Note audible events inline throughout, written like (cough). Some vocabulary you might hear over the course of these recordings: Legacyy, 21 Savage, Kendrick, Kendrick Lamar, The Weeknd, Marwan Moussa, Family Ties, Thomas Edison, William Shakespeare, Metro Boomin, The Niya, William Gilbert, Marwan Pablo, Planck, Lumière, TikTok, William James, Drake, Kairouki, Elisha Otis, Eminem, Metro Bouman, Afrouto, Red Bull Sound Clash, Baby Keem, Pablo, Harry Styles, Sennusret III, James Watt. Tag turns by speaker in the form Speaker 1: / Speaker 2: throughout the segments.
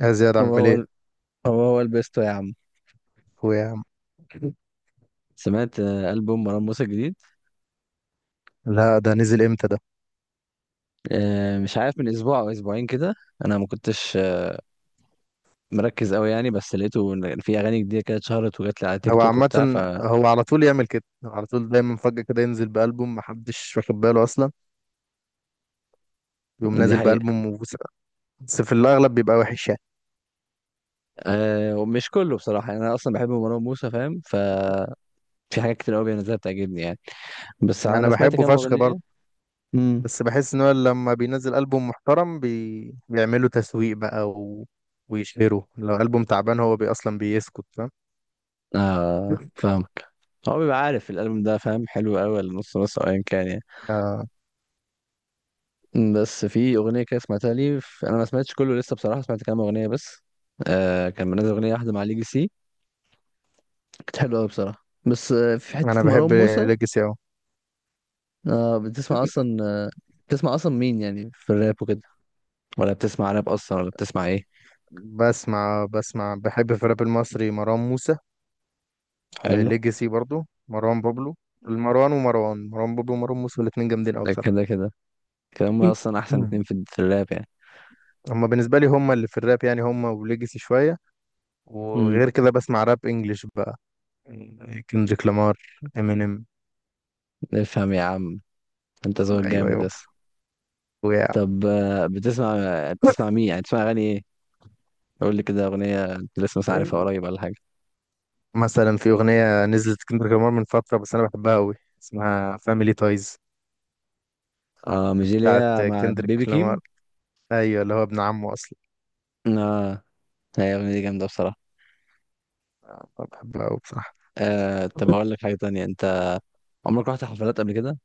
Speaker 1: يا زياد
Speaker 2: هو
Speaker 1: عامل
Speaker 2: هو
Speaker 1: ايه؟
Speaker 2: ال- هو البيستو يا عم.
Speaker 1: اخويا يا عم.
Speaker 2: سمعت ألبوم مروان موسى الجديد.
Speaker 1: لا ده نزل امتى ده؟
Speaker 2: مش عارف من أسبوع أو أسبوعين كده. أنا ما كنتش مركز أوي يعني، بس لقيته إن في أغاني جديدة كده اتشهرت وجات لي على تيك
Speaker 1: هو
Speaker 2: توك
Speaker 1: عامة
Speaker 2: وبتاع فدي.
Speaker 1: هو على طول يعمل كده على طول دايما فجأة كده ينزل بألبوم محدش واخد باله اصلا، يقوم نازل
Speaker 2: حقيقة.
Speaker 1: بألبوم بس في الاغلب بيبقى وحش يعني.
Speaker 2: أه، ومش كله بصراحة يعني. أنا أصلا بحب مروان موسى فاهم، ففي حاجات كتير أوي بينزلها بتعجبني يعني. بس
Speaker 1: انا
Speaker 2: أنا سمعت
Speaker 1: بحبه
Speaker 2: كام
Speaker 1: فشخ برضه،
Speaker 2: أغنية. امم
Speaker 1: بس بحس ان هو لما بينزل ألبوم محترم بيعملوا تسويق بقى، و... ويشهروا لو ألبوم تعبان هو بي اصلا بيسكت، فاهم؟
Speaker 2: آه فاهمك. هو بيبقى عارف الألبوم ده فاهم حلو أوي ولا نص نص أو أيا كان يعني؟
Speaker 1: آه،
Speaker 2: بس في اغنيه كده سمعتها لي، انا ما سمعتش كله لسه بصراحه، سمعت كام اغنيه بس. آه كان منزل اغنيه واحده مع ليجي سي، كانت حلوه قوي بصراحه، بس آه في
Speaker 1: انا
Speaker 2: حته مروان
Speaker 1: بحب
Speaker 2: موسى.
Speaker 1: ليجاسي اهو.
Speaker 2: آه، بتسمع اصلا؟ آه بتسمع اصلا مين يعني في الراب وكده؟ ولا بتسمع راب اصلا ولا بتسمع ايه؟
Speaker 1: بسمع بحب في الراب المصري مروان موسى،
Speaker 2: حلو.
Speaker 1: ليجاسي برضو، مروان بابلو، المروان، ومروان بابلو ومروان موسى الاتنين جامدين قوي
Speaker 2: ده
Speaker 1: بصراحة.
Speaker 2: كده كده. كده هم
Speaker 1: إيه.
Speaker 2: اصلا احسن
Speaker 1: مم.
Speaker 2: اتنين في الراب يعني.
Speaker 1: هما بالنسبة لي هما اللي في الراب يعني، هما وليجاسي شوية.
Speaker 2: امم
Speaker 1: وغير كده بسمع راب انجلش بقى، كندريك لامار، امينيم.
Speaker 2: افهم يا عم. انت ذوقك
Speaker 1: ايوه
Speaker 2: جامد
Speaker 1: يابا
Speaker 2: يس.
Speaker 1: ويا.
Speaker 2: طب آه، بتسمع، بتسمع مين يعني؟ بتسمع اغاني ايه؟ قول لي كده اغنيه انت لسه مش عارفها قريب ولا حاجه.
Speaker 1: مثلا في اغنية نزلت كندريك لامار من فترة بس انا بحبها قوي، اسمها فاميلي تايز،
Speaker 2: اه، مش دي اللي
Speaker 1: بتاعت
Speaker 2: هي مع بيبي
Speaker 1: كندريك لامار.
Speaker 2: كيم؟
Speaker 1: ايوه، اللي هو ابن عمه اصلا.
Speaker 2: اه، هي الاغنيه دي جامده بصراحه.
Speaker 1: بحبها قوي بصراحة.
Speaker 2: آه طب هقول لك حاجه تانية. انت عمرك رحت حفلات قبل كده؟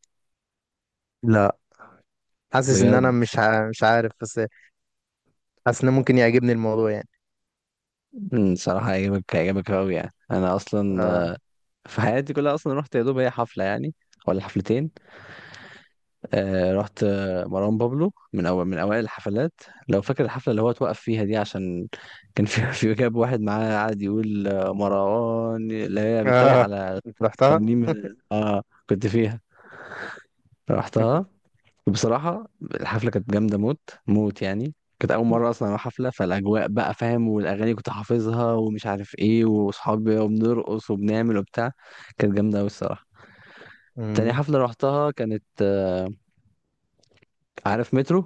Speaker 1: لا، حاسس ان انا
Speaker 2: بجد؟
Speaker 1: مش عارف، بس حاسس ان ممكن يعجبني الموضوع يعني.
Speaker 2: صراحه هيعجبك، هيعجبك قوي يعني. انا اصلا
Speaker 1: اه
Speaker 2: في حياتي كلها اصلا رحت يا دوب هي حفله يعني، ولا حفلتين. آه رحت مروان بابلو من اول، من اوائل الحفلات. لو فاكر الحفله اللي هو اتوقف فيها دي، عشان كان في (laughs) في جاب واحد معاه قاعد يقول مروان اللي هي بيتريق
Speaker 1: اه،
Speaker 2: على
Speaker 1: انت رحتها؟
Speaker 2: ترنيم. كنت فيها، رحتها، وبصراحة الحفلة كانت جامدة موت. موت يعني. كانت أول مرة أصلا أروح حفلة، فالأجواء بقى فاهم، والأغاني كنت حافظها ومش عارف إيه، وأصحابي وبنرقص وبنعمل وبتاع. كانت جامدة أوي الصراحة. تاني
Speaker 1: امم.
Speaker 2: حفلة روحتها كانت عارف مترو،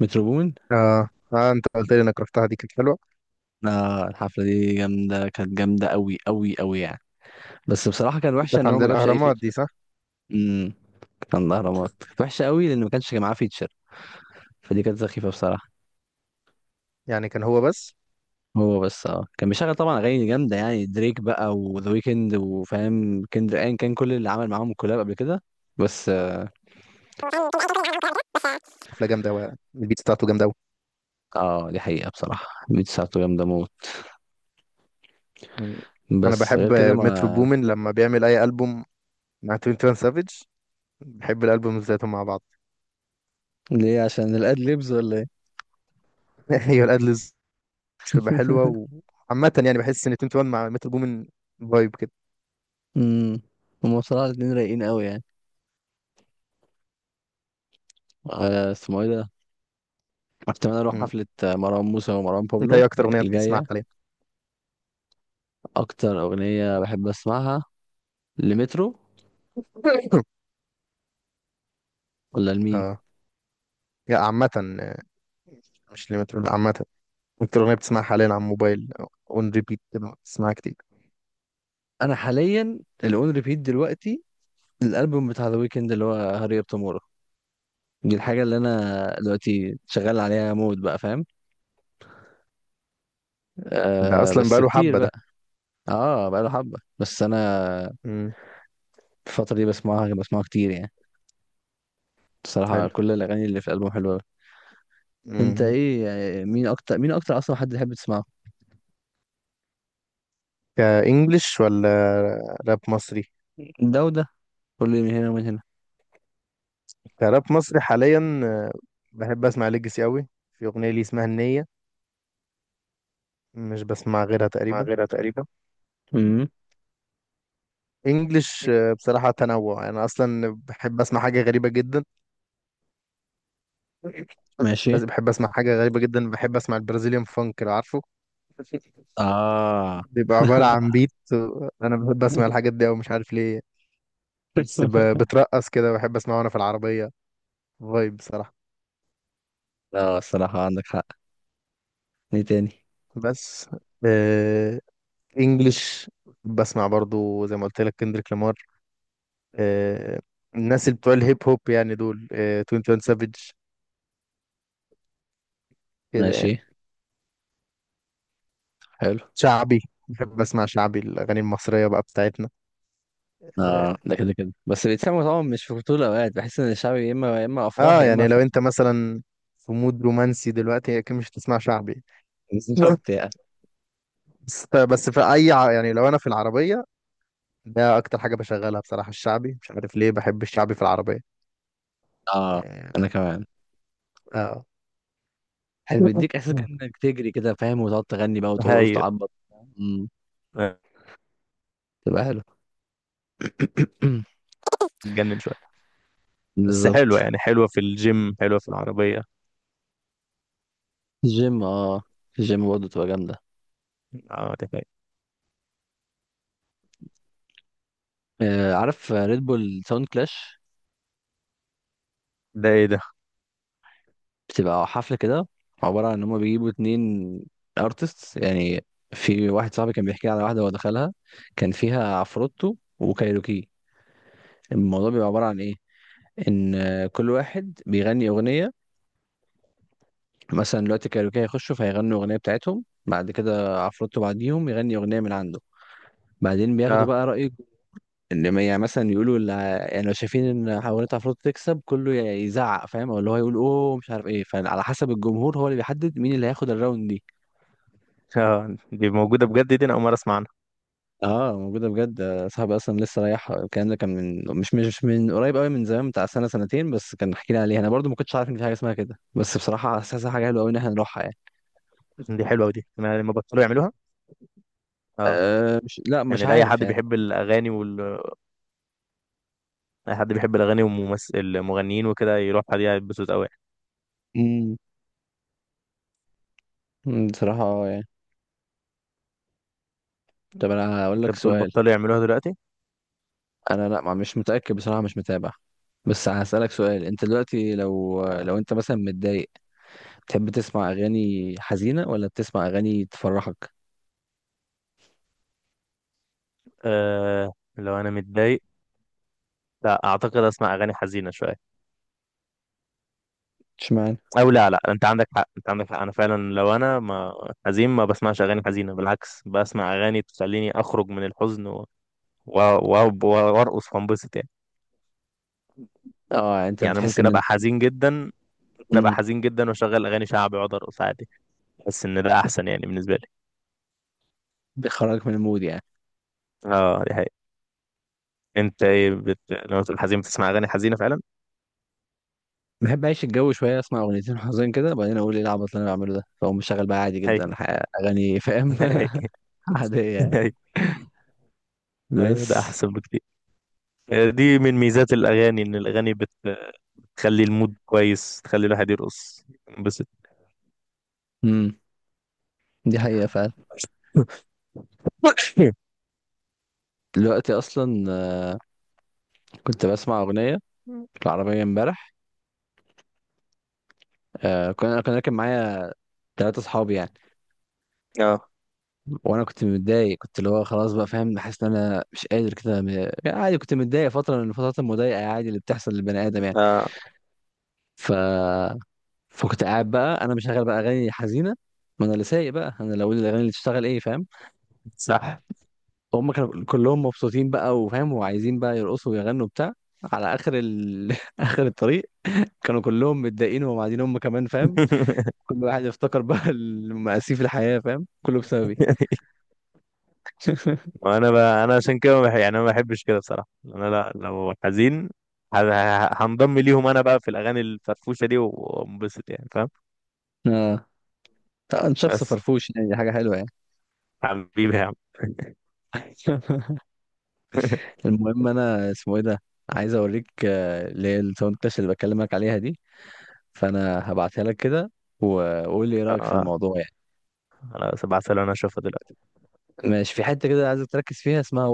Speaker 2: مترو بومن.
Speaker 1: اه اه، انت قلت لي انك رحتها، دي كانت حلوه.
Speaker 2: آه الحفلة دي جامدة، كانت جامدة أوي أوي أوي يعني. بس بصراحة كان
Speaker 1: دي
Speaker 2: وحشة
Speaker 1: كانت
Speaker 2: إن هو
Speaker 1: عند
Speaker 2: ما جابش أي
Speaker 1: الاهرامات دي،
Speaker 2: فيتشر.
Speaker 1: صح؟
Speaker 2: امم كان الأهرامات، كانت وحشة أوي لأن ما كانش معاه فيتشر. فدي كانت سخيفة بصراحة.
Speaker 1: يعني كان هو بس؟
Speaker 2: هو بس، اه كان بيشغل طبعا اغاني جامده يعني، دريك بقى وذا ويكند وفاهم كندر ان، كان كل اللي عمل معاهم كولاب قبل كده. بس.
Speaker 1: حفله جامده قوي، البيت بتاعته جامده قوي.
Speaker 2: اه دي حقيقه بصراحه، بيت ساعته جامده موت.
Speaker 1: مم. انا
Speaker 2: بس غير
Speaker 1: بحب
Speaker 2: كده
Speaker 1: مترو
Speaker 2: ما.
Speaker 1: بومن لما بيعمل اي البوم مع 21 سافيج، بحب الالبوم ذاتهم مع بعض.
Speaker 2: ليه، عشان الاد ليبز ولا ايه؟
Speaker 1: (laughs) هي الادلز بتبقى حلوه وعامه، يعني بحس ان 21 مع مترو بومن فايب كده.
Speaker 2: امم هم بصراحه الاتنين رايقين قوي يعني. اسمه ايه ده. احتمال اروح
Speaker 1: مم.
Speaker 2: حفله مروان موسى ومروان
Speaker 1: انت
Speaker 2: بابلو
Speaker 1: ايه اكتر اغنيه بتسمعها
Speaker 2: الجايه.
Speaker 1: حاليا؟
Speaker 2: اكتر اغنيه بحب اسمعها لمترو،
Speaker 1: (coughs)
Speaker 2: ولا لمين؟
Speaker 1: اه، يا عامه، آه، مش لمترو، لا عامه، انت الاغنيه بتسمعها حاليا على الموبايل اون ريبيت كده بتسمعها كتير.
Speaker 2: انا حاليا اللي اون ريبيت دلوقتي الالبوم بتاع ذا ويكند اللي هو هاري اب تومورو. دي الحاجة اللي أنا دلوقتي شغال عليها موت بقى فاهم.
Speaker 1: ده
Speaker 2: آه،
Speaker 1: اصلا
Speaker 2: بس
Speaker 1: بقاله
Speaker 2: كتير
Speaker 1: حبه ده.
Speaker 2: بقى. اه بقى له حبة، بس أنا
Speaker 1: امم.
Speaker 2: الفترة دي بسمعها، بسمعها كتير يعني. بصراحة
Speaker 1: حلو.
Speaker 2: كل الأغاني اللي في الألبوم حلوة أوي. أنت
Speaker 1: امم.
Speaker 2: إيه يعني، مين أكتر، مين أكتر أصلا حد تحب تسمعه؟
Speaker 1: كانجلش ولا راب مصري؟
Speaker 2: ده وده، كل من هنا ومن هنا.
Speaker 1: كراب مصري حاليا آه، بحب اسمع ليجاسي قوي، في اغنيه لي اسمها النيه، مش بسمع غيرها
Speaker 2: مع
Speaker 1: تقريبا.
Speaker 2: غيرها تقريبا. امم
Speaker 1: انجلش آه، بصراحه تنوع، انا اصلا بحب اسمع حاجه غريبه جدا،
Speaker 2: ماشي.
Speaker 1: بس بحب اسمع حاجه غريبه جدا، بحب اسمع البرازيليان فانك، لو عارفه،
Speaker 2: اه.
Speaker 1: بيبقى عبارة عن
Speaker 2: (laughs)
Speaker 1: بيت. أنا بحب أسمع الحاجات دي أوي، مش عارف ليه، بس بترقص كده، بحب اسمعه وانا في العربية، فايب بصراحة.
Speaker 2: لا الصراحة عندك حق. ايه تاني؟
Speaker 1: بس آه، انجلش، بسمع برضو زي ما قلت لك كندريك لامار، آه، الناس اللي بتوع الهيب هوب يعني، دول آه 21 سافيج، كده
Speaker 2: ماشي.
Speaker 1: يعني.
Speaker 2: حلو.
Speaker 1: شعبي، بحب اسمع شعبي، الاغاني المصرية بقى بتاعتنا.
Speaker 2: اه
Speaker 1: آه،
Speaker 2: ده كده كده، بس بيتسموا طبعا مش في طول الاوقات. بحس ان الشعبي يا اما يا اما افراح،
Speaker 1: اه
Speaker 2: يا اما
Speaker 1: يعني لو
Speaker 2: فرح.
Speaker 1: انت مثلا في مود رومانسي دلوقتي اكيد مش هتسمع شعبي.
Speaker 2: (laughs)
Speaker 1: (laughs)
Speaker 2: وبتاع.
Speaker 1: بس في يعني لو انا في العربية، ده اكتر حاجة بشغلها بصراحة، الشعبي مش عارف ليه بحب الشعبي في العربية.
Speaker 2: اه
Speaker 1: آه،
Speaker 2: انا كمان.
Speaker 1: اه.
Speaker 2: حلو، بيديك احساس
Speaker 1: مم.
Speaker 2: كانك تجري كده فاهم، وتقعد تغني بقى وترقص
Speaker 1: هاي.
Speaker 2: وتعبط. امم تبقى حلو. (coughs)
Speaker 1: جنن شويه، بس
Speaker 2: بالظبط.
Speaker 1: حلوه يعني، حلوه في الجيم حلوه في العربيه.
Speaker 2: الجيم اه، الجيم برضه تبقى جامده.
Speaker 1: اه ده حقيقي.
Speaker 2: آه عارف ريد بول ساوند كلاش؟
Speaker 1: ده ايه ده؟
Speaker 2: بتبقى حفله كده، عباره عن ان هم بيجيبوا اتنين ارتست يعني. في واحد صاحبي كان بيحكي لي على واحده هو دخلها، كان فيها عفروتو وكايروكي. الموضوع بيبقى عباره عن ايه، ان كل واحد بيغني اغنيه. مثلا دلوقتي كايروكي هيخشوا فهيغنوا اغنيه بتاعتهم، بعد كده عفروتو بعديهم يغني اغنيه من عنده. بعدين بياخدوا
Speaker 1: اه.
Speaker 2: بقى رايك، ان ما- يعني مثلا يقولوا يعني لو شايفين ان اغنيه عفروتو تكسب، كله يزعق فاهم، او اللي هو يقول اوه مش عارف ايه. فعلى حسب الجمهور هو اللي بيحدد مين اللي هياخد الراوند دي.
Speaker 1: اه دي موجوده بجد؟ دي انا اول مره اسمع عنها.
Speaker 2: اه موجوده بجد. صاحبي اصلا لسه رايح. الكلام ده كان من مش مش مش من قريب قوي، من زمان بتاع سنه سنتين، بس كان حكينا عليها. انا برضو ما كنتش عارف ان في حاجه اسمها كده، بس بصراحه حاسسها حاجه حلوه قوي ان احنا نروحها يعني.
Speaker 1: دي حلوه، ودي انا لما بطلوا يعملوها. اه،
Speaker 2: أه مش، لا مش
Speaker 1: يعني لاي
Speaker 2: عارف
Speaker 1: حد
Speaker 2: يعني.
Speaker 1: بيحب الاغاني وال... اي حد بيحب الاغاني والممثل المغنيين وكده يروح دي هيتبسط قوي يعني.
Speaker 2: مم، بصراحة اه يعني. طب انا هقول
Speaker 1: انت
Speaker 2: لك
Speaker 1: بتقول
Speaker 2: سؤال.
Speaker 1: بطلوا يعملوها دلوقتي؟
Speaker 2: انا لا، مش متأكد بصراحة، مش متابع. بس هسألك سؤال. انت دلوقتي لو،
Speaker 1: آه.
Speaker 2: انت مثلا متضايق، بتحب تسمع اغاني حزينة ولا بتسمع اغاني تفرحك؟
Speaker 1: آه، لو انا متضايق لا اعتقد اسمع اغاني حزينه شويه.
Speaker 2: اشمعنى؟
Speaker 1: او لا لا، انت عندك حق انت عندك حق، انا فعلا لو انا ما حزين ما بسمعش اغاني حزينه، بالعكس بسمع اغاني تخليني اخرج من الحزن وارقص وانبسط يعني.
Speaker 2: اه انت
Speaker 1: يعني
Speaker 2: بتحس
Speaker 1: ممكن ابقى
Speaker 2: ان.
Speaker 1: حزين جدا، ممكن ابقى
Speaker 2: امم
Speaker 1: حزين جدا واشغل اغاني شعبي واقعد ارقص عادي. بحس ان ده احسن يعني بالنسبه لي.
Speaker 2: بيخرجك من المود يعني؟
Speaker 1: اه دي حقيقة. انت ايه لما تقول حزين بتسمع اغاني حزينه فعلا؟
Speaker 2: بحب اعيش الجو شوية، اسمع اغنيتين حزين كده، وبعدين اقول ايه العبط اللي انا بعمله ده، فاقوم مشغل بقى عادي
Speaker 1: هي
Speaker 2: جدا اغاني فاهم.
Speaker 1: هي
Speaker 2: (laughs) عادية يعني.
Speaker 1: هي. ايوه ده
Speaker 2: بس.
Speaker 1: احسن بكتير. آه، دي من ميزات الاغاني ان بتخلي المود كويس، تخلي الواحد يرقص،
Speaker 2: امم دي حقيقة فعلا.
Speaker 1: ينبسط.
Speaker 2: دلوقتي اصلا كنت بسمع أغنية في العربية امبارح. آه كنا، كان راكب معايا 3 أصحابي يعني.
Speaker 1: اه
Speaker 2: وأنا كنت متضايق، كنت اللي هو خلاص بقى فاهم، حاسس إن أنا مش قادر كده يعني. عادي كنت متضايق فترة من الفترات المضايقة عادي، اللي بتحصل للبني آدم يعني.
Speaker 1: اه
Speaker 2: ف... فكنت قاعد بقى أنا مشغل بقى أغاني حزينة. ما أنا اللي سايق بقى، أنا اللي أقول الأغاني اللي تشتغل إيه فاهم.
Speaker 1: صح.
Speaker 2: هم كانوا كلهم مبسوطين بقى وفاهم وعايزين بقى يرقصوا ويغنوا بتاع على آخر (laughs) آخر الطريق كانوا كلهم متضايقين وهم قاعدين، هم كمان فاهم.
Speaker 1: (laughs)
Speaker 2: كل واحد يفتكر بقى (laughs) المآسي في الحياة فاهم، كله بسببي. (laughs)
Speaker 1: وانا بقى انا عشان كده ما بح- يعني انا ما بحبش كده بصراحه، انا لا لو حزين هنضم ليهم، انا بقى في الاغاني الفرفوشه دي وانبسط يعني، فاهم؟
Speaker 2: اه طبعا، شخص
Speaker 1: بس
Speaker 2: فرفوش يعني دي حاجة حلوة يعني.
Speaker 1: حبيبي يا عم.
Speaker 2: (laughs)
Speaker 1: (laughs)
Speaker 2: المهم انا اسمه ايه ده، عايز اوريك اللي هي الساوند كلاش اللي بكلمك عليها دي. فانا هبعتها لك كده، وقول لي ايه رأيك في
Speaker 1: آه،
Speaker 2: الموضوع يعني.
Speaker 1: خلاص، ابعتها لي انا اشوفها دلوقتي.
Speaker 2: ماشي في حتة كده عايزك تركز فيها اسمها.